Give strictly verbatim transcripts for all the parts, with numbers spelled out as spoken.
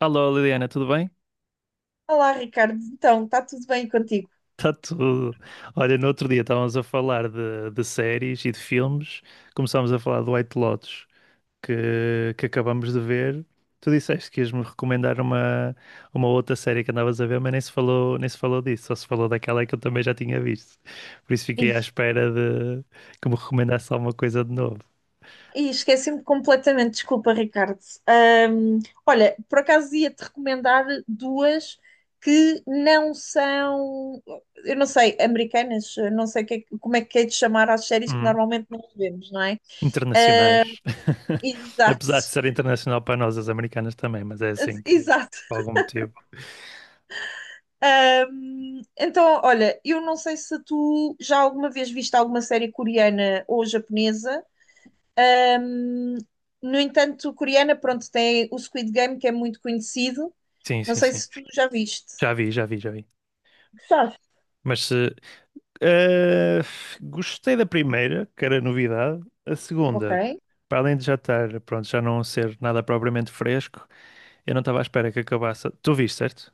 Alô Liliana, tudo bem? Olá, Ricardo. Então, está tudo bem contigo? Está tudo. Olha, no outro dia estávamos a falar de, de séries e de filmes, começámos a falar do White Lotus que, que acabamos de ver. Tu disseste que ias-me recomendar uma, uma outra série que andavas a ver, mas nem se falou, nem se falou disso, só se falou daquela que eu também já tinha visto. Por isso fiquei à Ih, espera de que me recomendasse alguma coisa de novo. ih, esqueci-me completamente. Desculpa, Ricardo. Ahm, olha, por acaso ia-te recomendar duas que não são, eu não sei, americanas, eu não sei o que é que- como é que é de chamar às séries que Hum, normalmente não vemos, não é? Ah, Internacionais. Exato, Apesar de ser internacional para nós, as americanas também, mas é assim que, exato. por algum motivo. Ahm, então, olha, eu não sei se tu já alguma vez viste alguma série coreana ou japonesa. Um, no entanto, coreana, pronto, tem o Squid Game, que é muito conhecido. Sim, Não sim, sei sim. se tu já viste. Já vi, já vi, já vi. Gostaste? Mas se. Eh, Gostei da primeira, que era novidade. A Ok. segunda, para além de já estar, pronto, já não ser nada propriamente fresco, eu não estava à espera que acabasse. Tu viste, certo?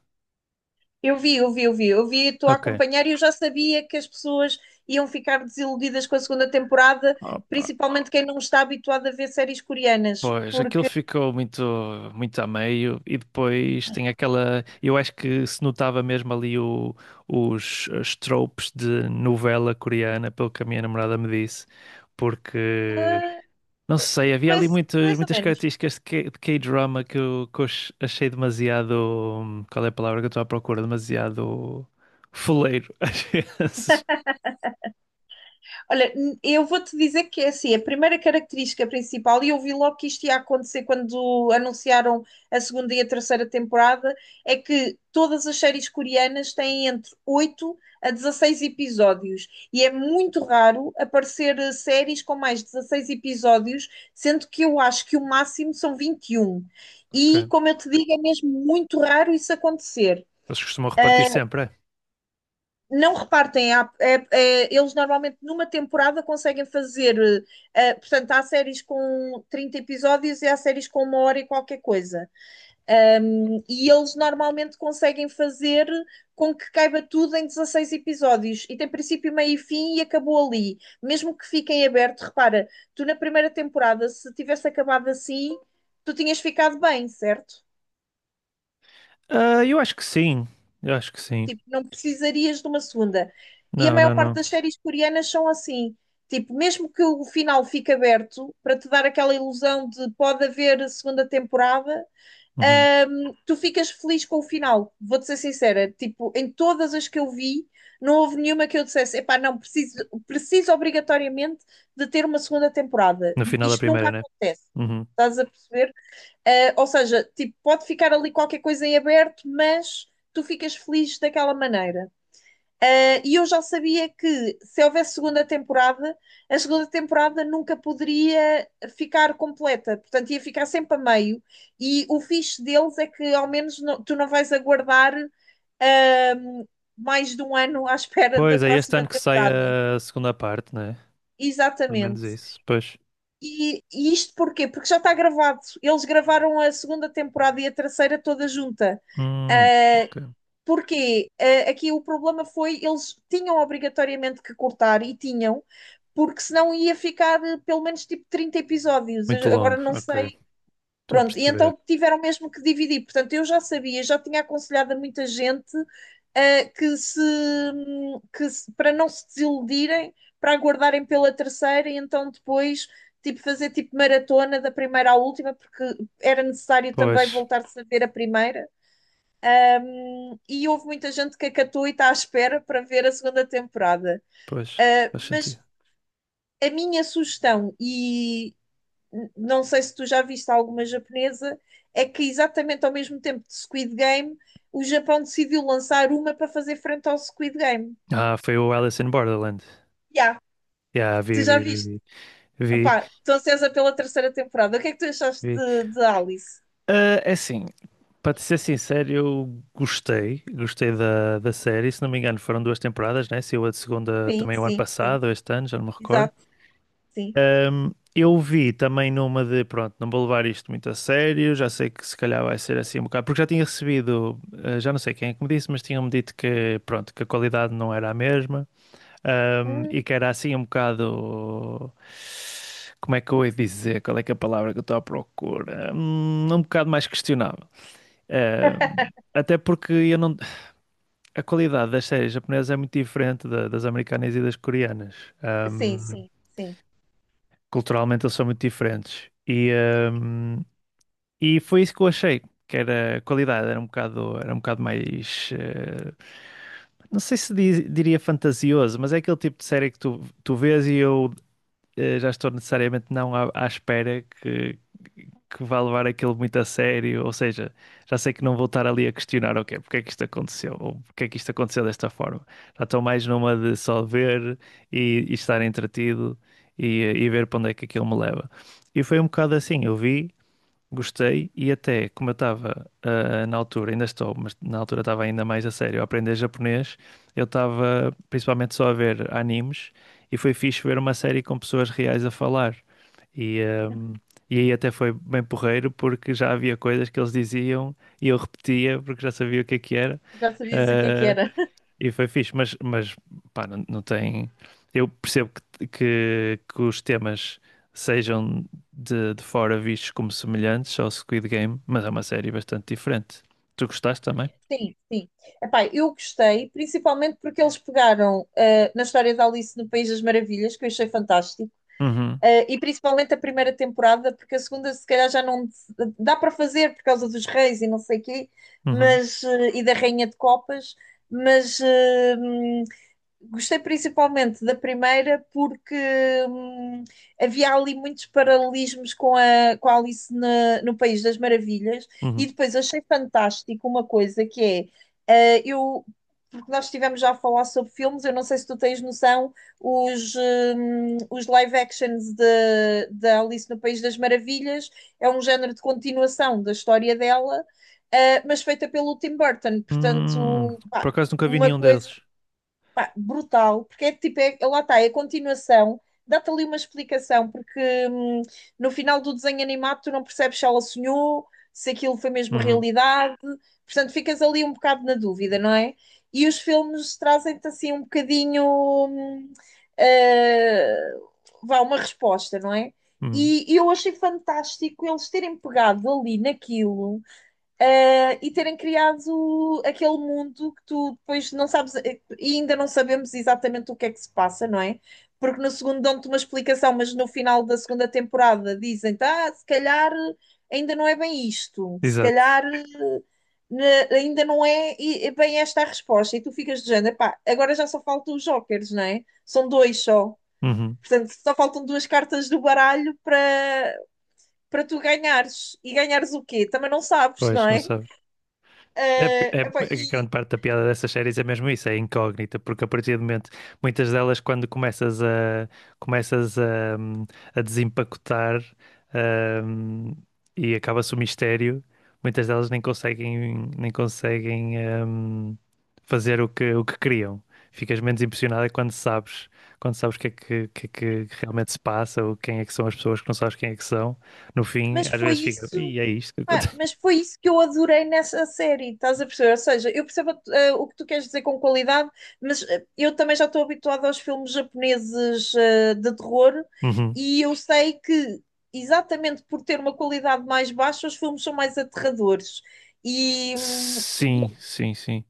Eu vi, eu vi, eu vi. Eu vi, estou a Ok. acompanhar e eu já sabia que as pessoas iam ficar desiludidas com a segunda temporada, Opa, principalmente quem não está habituado a ver séries coreanas, pois, aquilo porque, ficou muito, muito a meio e depois tem aquela, eu acho que se notava mesmo ali o, os, os tropes de novela coreana, pelo que a minha namorada me disse. Porque ah, Não sei, havia ali mais, muitas mais ou muitas menos. características de K- de K-drama que eu, que eu ach- achei demasiado. hum, Qual é a palavra que eu estou à procura? Demasiado foleiro, às vezes. Olha, n- eu vou-te dizer que é assim, a primeira característica principal, e eu vi logo que isto ia acontecer quando anunciaram a segunda e a terceira temporada, é que todas as séries coreanas têm entre oito a dezasseis episódios, e é muito raro aparecer eh, séries com mais de dezasseis episódios, sendo que eu acho que o máximo são vinte e um. E, Ok. como eu te digo, é mesmo muito raro isso acontecer. Eles costumam repartir sempre, é? Não repartem, há- é- é- eles normalmente numa temporada conseguem fazer, eh, eh, portanto, há séries com trinta episódios e há séries com uma hora e qualquer coisa. Ahm, e eles normalmente conseguem fazer com que caiba tudo em dezasseis episódios. E tem princípio, meio e fim e acabou ali. Mesmo que fiquem aberto, repara, tu na primeira temporada, se tivesse acabado assim, tu tinhas ficado bem, certo? Ah, eu acho que sim, eu acho que sim. Tipo, não precisarias de uma segunda. E a Não, não, maior parte não. das séries coreanas são assim. Tipo, mesmo que o final fique aberto, para te dar aquela ilusão de pode haver segunda temporada, Uhum. hum, tu ficas feliz com o final. Vou-te ser sincera. Tipo, em todas as que eu vi, não houve nenhuma que eu dissesse, epá, não, preciso, preciso obrigatoriamente de ter uma segunda temporada. No final da Isto nunca primeira, né? acontece. Uhum. Estás a perceber? Uh, ou seja, tipo, pode ficar ali qualquer coisa em aberto, mas tu ficas feliz daquela maneira. Uh, e eu já sabia que se houvesse segunda temporada, a segunda temporada nunca poderia ficar completa, portanto ia ficar sempre a meio. E o fixe deles é que ao menos não- tu não vais aguardar uh, mais de um ano à espera da Pois é, este próxima ano que sai temporada. a segunda parte, né? Pelo menos Exatamente. isso. Pois. E, e isto porquê? Porque já está gravado. Eles gravaram a segunda temporada e a terceira toda junta. Hum, Uh, ok. porque uh, aqui o problema foi eles tinham obrigatoriamente que cortar e tinham, porque senão ia ficar uh, pelo menos tipo trinta episódios. Muito Agora longo, não sei. ok. Estou a Pronto, e perceber. então tiveram mesmo que dividir. Portanto, eu já sabia, já tinha aconselhado a muita gente uh, que se, que se, para não se desiludirem, para aguardarem pela terceira e então depois tipo fazer tipo maratona da primeira à última, porque era necessário também Pois, voltar-se a ver a primeira. Hum, e houve muita gente que acatou e está à espera para ver a segunda temporada. pois, faz Uh, mas sentido. a minha sugestão, e n- não sei se tu já viste alguma japonesa, é que exatamente ao mesmo tempo de Squid Game, o Japão decidiu lançar uma para fazer frente ao Squid Game. Ah, foi o Alice in Borderland. Já, yeah, Yeah, tu vi, já vi, vi, viste? vi, vi, Opá, estou ansiosa pela terceira temporada. O que é que tu achaste vi. de, de Alice? Ah, é assim, para te ser sincero, eu gostei, gostei da, da série. Se não me engano, foram duas temporadas, né? Saiu a segunda Sim, também o ano sim, sim. passado, ou este ano, já não me recordo. Exato, sim. Ahm, eu vi também numa de, pronto, não vou levar isto muito a sério, já sei que se calhar vai ser assim um bocado, porque já tinha recebido, ah, já não sei quem é que me disse, mas tinham-me dito que, pronto, que a qualidade não era a mesma. Um, e Hum, que era assim um bocado. Como é que eu ia dizer? Qual é que é a palavra que eu estou à procura? Hum, Um, bocado mais questionável. Um, até porque eu não... A qualidade das séries japonesas é muito diferente da- das americanas e das coreanas. sim, Um, sim, sim. culturalmente eles são muito diferentes. E, um, e foi isso que eu achei, que era a qualidade, era um bocado, era um bocado mais. eh, não sei se di- diria fantasioso, mas é aquele tipo de série que tu, tu vês e eu eh, já estou necessariamente não à, à espera que, que vá levar aquilo muito a sério, ou seja, já sei que não vou estar ali a questionar, ok, porque é que isto aconteceu, ou porque é que isto aconteceu desta forma. Já estou mais numa de só ver e, e estar entretido e, e ver para onde é que aquilo me leva. E foi um bocado assim, eu vi. Gostei e até como eu estava ah, na altura, ainda estou, mas na altura estava ainda mais a sério a aprender japonês, eu estava principalmente só a ver animes e foi fixe ver uma série com pessoas reais a falar. E, ahm, e aí até foi bem porreiro porque já havia coisas que eles diziam e eu repetia porque já sabia o que é que era. Já sabias o que é que Eh, era. e foi fixe, mas, mas pá, não, não tem. Eu percebo que, que, que os temas sejam de, de fora vistos como semelhantes ao Squid Game, mas é uma série bastante diferente. Tu gostaste também? Sim, sim. Epá, eu gostei, principalmente porque eles pegaram eh, na história da Alice no País das Maravilhas, que eu achei fantástico, Uhum, eh, e principalmente a primeira temporada, porque a segunda se calhar já não se- dá para fazer por causa dos reis e não sei quê, uhum, mas, eh, e da Rainha de Copas, mas eh, gostei principalmente da primeira porque hum, havia ali muitos paralelismos com a, com a Alice na- no País das Maravilhas, e uhum. depois achei fantástico uma coisa que é, eh, eu, porque nós estivemos já a falar sobre filmes, eu não sei se tu tens noção, os, hum, os live actions de- da Alice no País das Maravilhas é um género de continuação da história dela, eh, mas feita pelo Tim Burton, Hum, portanto, pá, por acaso nunca vi uma nenhum coisa. deles. Pá, brutal, porque é tipo, é, é, lá está, é a continuação, dá-te ali uma explicação, porque hum, no final do desenho animado tu não percebes se ela sonhou, se aquilo foi mesmo Uhum, realidade, portanto ficas ali um bocado na dúvida, não é? E os filmes trazem-te assim um bocadinho, hum, ah, vá, uma resposta, não é? uhum. E, e eu achei fantástico eles terem pegado ali naquilo eh, e terem criado aquele mundo que tu depois não sabes, eh, e ainda não sabemos exatamente o que é que se passa, não é? Porque no segundo dão-te uma explicação, mas no final da segunda temporada dizem-te, ah, se calhar eh, ainda não é bem isto, se Exato. calhar né, ainda não é e- é bem esta a resposta, e tu ficas de género, pá, agora já só faltam os jokers, não é? São dois só. Uhum. Portanto, só faltam duas cartas do baralho para para tu ganhares. E ganhares o quê? Também não sabes, Pois, não não é? sabes. É, Eh, é- epá, é que e- grande parte da piada dessas séries é mesmo isso, é incógnita, porque a partir do momento, muitas delas, quando começas a, começas a, hum, a desempacotar, hum, e acaba-se o mistério, muitas delas nem conseguem, nem conseguem, hum, fazer o que, o que queriam. Ficas menos impressionada quando sabes, quando sabes, o que é que, o que é que realmente se passa, ou quem é que são as pessoas que não sabes quem é que são. No fim, mas às foi vezes fica, isso, e é isto que pá, acontece. mas foi isso que eu adorei nessa série, estás a perceber? Ou seja, eu percebo eh, o que tu queres dizer com qualidade, mas eh, eu também já estou habituada aos filmes japoneses eh, de terror e eu sei que exatamente por ter uma qualidade mais baixa, os filmes são mais aterradores. E, hum, e, Sim, sim, sim.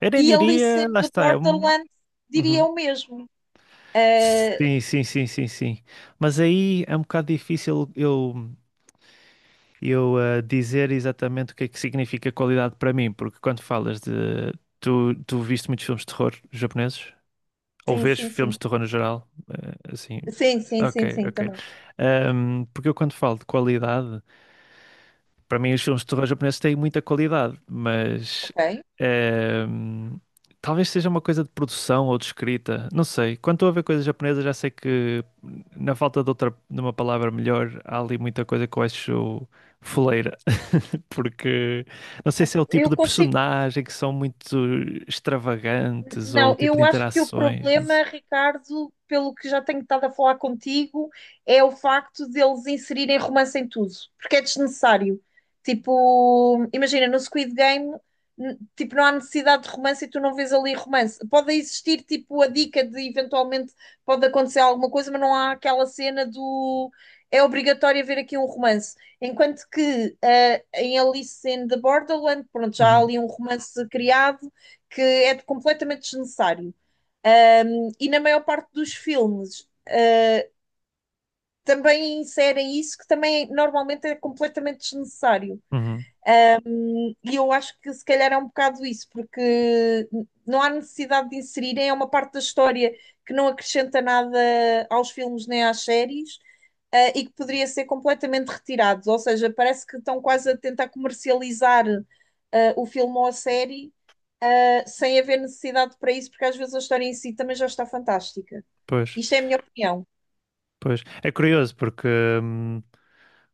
Eu nem e Alice diria, in lá the está. É um... Borderland diria Uhum. o mesmo. Eh, Sim, sim, sim, sim, sim. Mas aí é um bocado difícil eu, eu eh, dizer exatamente o que é que significa qualidade para mim, porque quando falas de. Tu, tu viste muitos filmes de terror japoneses? Ou sim, vês sim, filmes sim. de terror no geral? Eh, assim. Sim, sim, sim, Ok, sim, ok. também. Ahm, porque eu quando falo de qualidade. Para mim, os filmes de terror japoneses têm muita qualidade, mas Ok. ehm, talvez seja uma coisa de produção ou de escrita. Não sei. Quando estou a ver coisas japonesas, já sei que, na falta de outra, de uma palavra melhor, há ali muita coisa que eu acho foleira. Porque não sei se é o tipo Eu de consigo. personagem que são muito extravagantes ou Não, o tipo de eu acho que o interações. Não sei. problema, Ricardo, pelo que já tenho estado a falar contigo, é o facto de eles inserirem romance em tudo, porque é desnecessário. Tipo, imagina, no Squid Game, n- tipo, não há necessidade de romance e tu não vês ali romance. Pode existir, tipo, a dica de eventualmente pode acontecer alguma coisa, mas não há aquela cena do é obrigatório haver aqui um romance. Enquanto que eh, em Alice in the Borderland, pronto, já há Uhum, ali um romance criado que é de- completamente desnecessário. Um, e na maior parte dos filmes, uh, também inserem isso, que também normalmente é completamente desnecessário. uhum, E eu acho que se calhar é um bocado isso, porque n- não há necessidade de inserirem, é uma parte da história que não acrescenta nada aos filmes nem às séries. uh, e que poderia ser completamente retirados, ou seja, parece que estão quase a tentar comercializar uh, o filme ou a série, ah, sem haver necessidade para isso, porque às vezes a história em si também já está fantástica. pois. Isto é a minha opinião. Pois, é curioso porque, hum,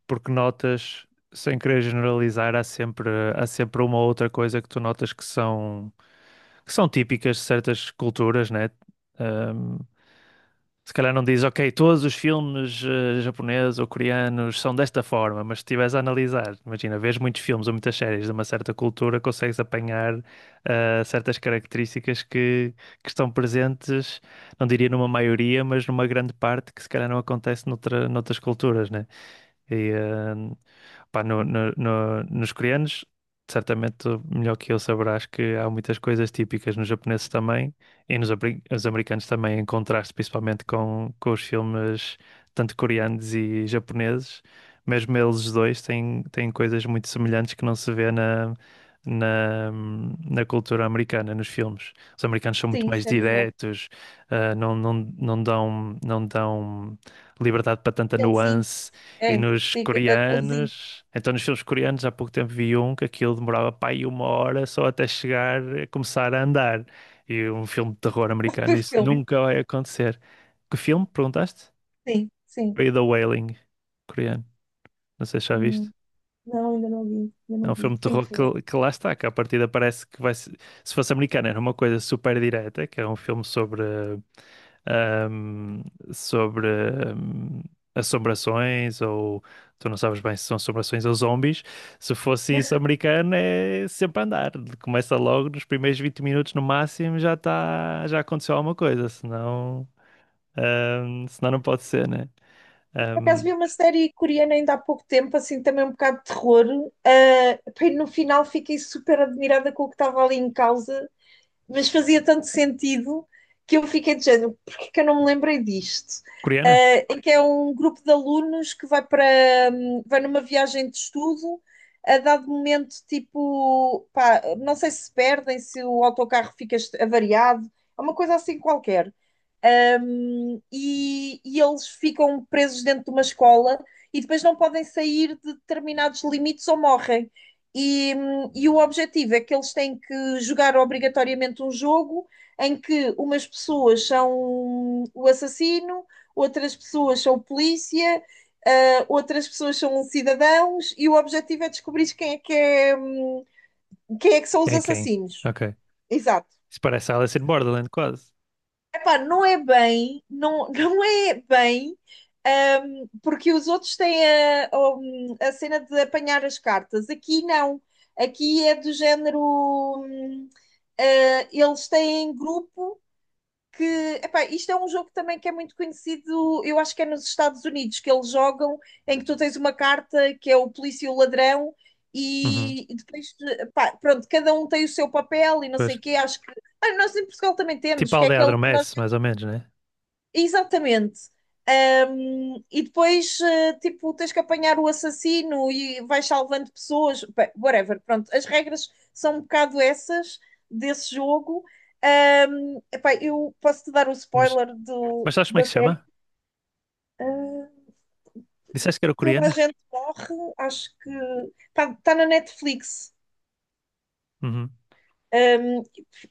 porque notas, sem querer generalizar, há sempre, há sempre uma ou outra coisa que tu notas que são, que são típicas de certas culturas, né? Hum, se calhar não diz, ok, todos os filmes eh, japoneses ou coreanos são desta forma, mas se estiveres a analisar, imagina, vês muitos filmes ou muitas séries de uma certa cultura, consegues apanhar eh, certas características que, que estão presentes não diria numa maioria, mas numa grande parte que se calhar não acontece noutra, noutras culturas, né? E, eh, pá, no- no- no- nos coreanos, certamente tu melhor que eu saberás que há muitas coisas típicas nos japoneses também e nos abri- os americanos também, em contraste principalmente com, com os filmes tanto coreanos e japoneses. Mesmo eles os dois têm, têm coisas muito semelhantes que não se vê na, na, na cultura americana, nos filmes. Os americanos são muito Sim, mais isso é verdade. diretos, eh, não, não, não dão, não dão liberdade para tanta Aqueles índices. nuance. E É, nos sim, aqu- aqueles índices coreanos, então nos filmes coreanos, há pouco tempo vi um que aquilo demorava pá aí uma hora só até chegar a começar a andar. E um filme de terror americano, do isso filme. nunca vai acontecer. Que filme, perguntaste? Sim, sim. Foi The Wailing, coreano. Não sei se já Hum, viste. não, ainda não vi, ainda É não um vi. filme de Tenho terror que ver. que, que lá está, que à partida parece que vai ser. Se fosse americano, era uma coisa super direta, que é um filme sobre, ahm, sobre ahm, assombrações, ou tu não sabes bem se são assombrações ou zombies. Se fosse isso americano, é sempre a andar. Começa logo nos primeiros vinte minutos no máximo, já está, já aconteceu alguma coisa, senão, ahm, senão não pode ser, né? Por acaso Ahm, vi uma série coreana ainda há pouco tempo, assim, também um bocado de terror. Ah, pá, e no final fiquei super admirada com o que estava ali em causa. Mas fazia tanto sentido que eu fiquei de género, porque que eu não me lembrei disto? coreana? Eh, em que é um grupo de alunos que vai para hum, vai numa viagem de estudo, a dado momento, tipo, pá, não sei se perdem, se o autocarro fica avariado, é uma coisa assim qualquer. Um, e, e eles ficam presos dentro de uma escola e depois não podem sair de determinados limites ou morrem. E, e, o objetivo é que eles têm que jogar obrigatoriamente um jogo em que umas pessoas são o assassino, outras pessoas são polícia, uh, outras pessoas são cidadãos, e o objetivo é descobrir quem é que, é, hum, quem é que são os Quem é quem? assassinos. Ok. Exato. Isso parece Alice in Borderland, quase. Epá, não é bem, não, não é bem, ahm, porque os outros têm a, um, a cena de apanhar as cartas. Aqui não. Aqui é do género. hum, ah, eles têm grupo que. Epá, isto é um jogo também que é muito conhecido, eu acho que é nos Estados Unidos, que eles jogam, em que tu tens uma carta que é o polícia e o ladrão, Uhum. e, e depois, epá, pronto, cada um tem o seu papel e não Pois. sei o quê. Acho que. Ah, nós em Portugal também Tipo temos, a que é aldeia aquele que nós. adormece, mais ou menos, né? Exatamente. Ahm, e depois, eh, tipo, tens que apanhar o assassino e vais salvando pessoas, bem, whatever. Pronto, as regras são um bocado essas desse jogo. Ahm, epá, eu posso-te dar o Mas, spoiler do, mas sabes como é que da se série. chama? Ah, Disseste que era toda a coreano? gente morre, acho que está na Netflix. Uhum. Ahm,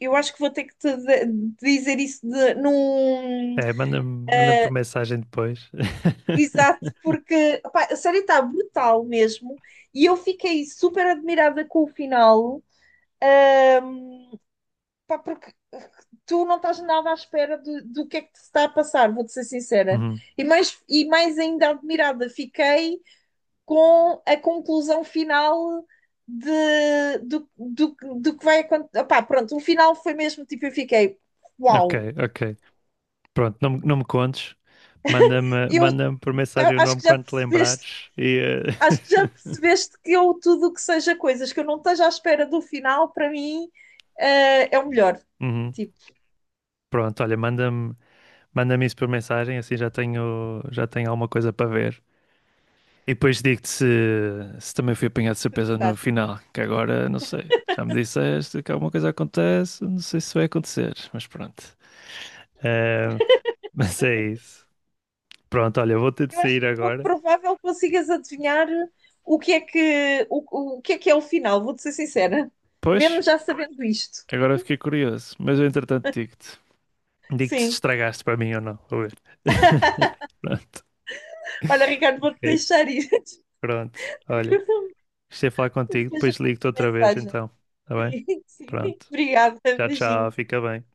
eu acho que vou ter que te de- dizer isso de, num. É, manda-me manda por mensagem depois. Exato, porque opá, a série está brutal mesmo e eu fiquei super admirada com o final, pá, porque tu não estás nada à espera do, do que é que te está a passar, vou-te ser sincera. Uhum. E mais, e mais ainda admirada fiquei com a conclusão final de, do, do, do que vai acontecer. Opá, pronto, o final foi mesmo tipo, eu fiquei, Ok, uau, ok. Pronto, não, me- não me contes. Manda-me eu manda-me por mensagem o acho nome que já quando te percebeste lembrares. E, eh, Acho que já percebeste que eu, tudo o que seja coisas que eu não esteja à espera do final, para mim, eh, é o melhor. Uhum. Tipo, Pronto, olha, manda-me manda-me isso por mensagem, assim já tenho, já tenho alguma coisa para ver. E depois digo-te se, se também fui apanhado de tu surpresa no gostaste. final, que agora não sei. Já me disseste que alguma coisa acontece, não sei se vai acontecer, mas pronto. Eh, mas é isso. Pronto, olha, vou ter de Eu acho sair pouco agora. provável que consigas adivinhar o que é que, o, o que é que é o final, vou-te ser sincera. Pois, Mesmo já sabendo isto. agora fiquei curioso, mas eu entretanto digo-te. Digo-te se Sim. estragaste para mim ou não, vou ver. Pronto, Olha, Ricardo, vou-te ok, deixar ir. pronto. Olha, gostei de falar contigo, Depois eu depois mando ligo-te a outra vez mensagem. então, tá bem? Sim, sim. Pronto. Obrigada. Tchau, tchau, Beijinho. fica bem.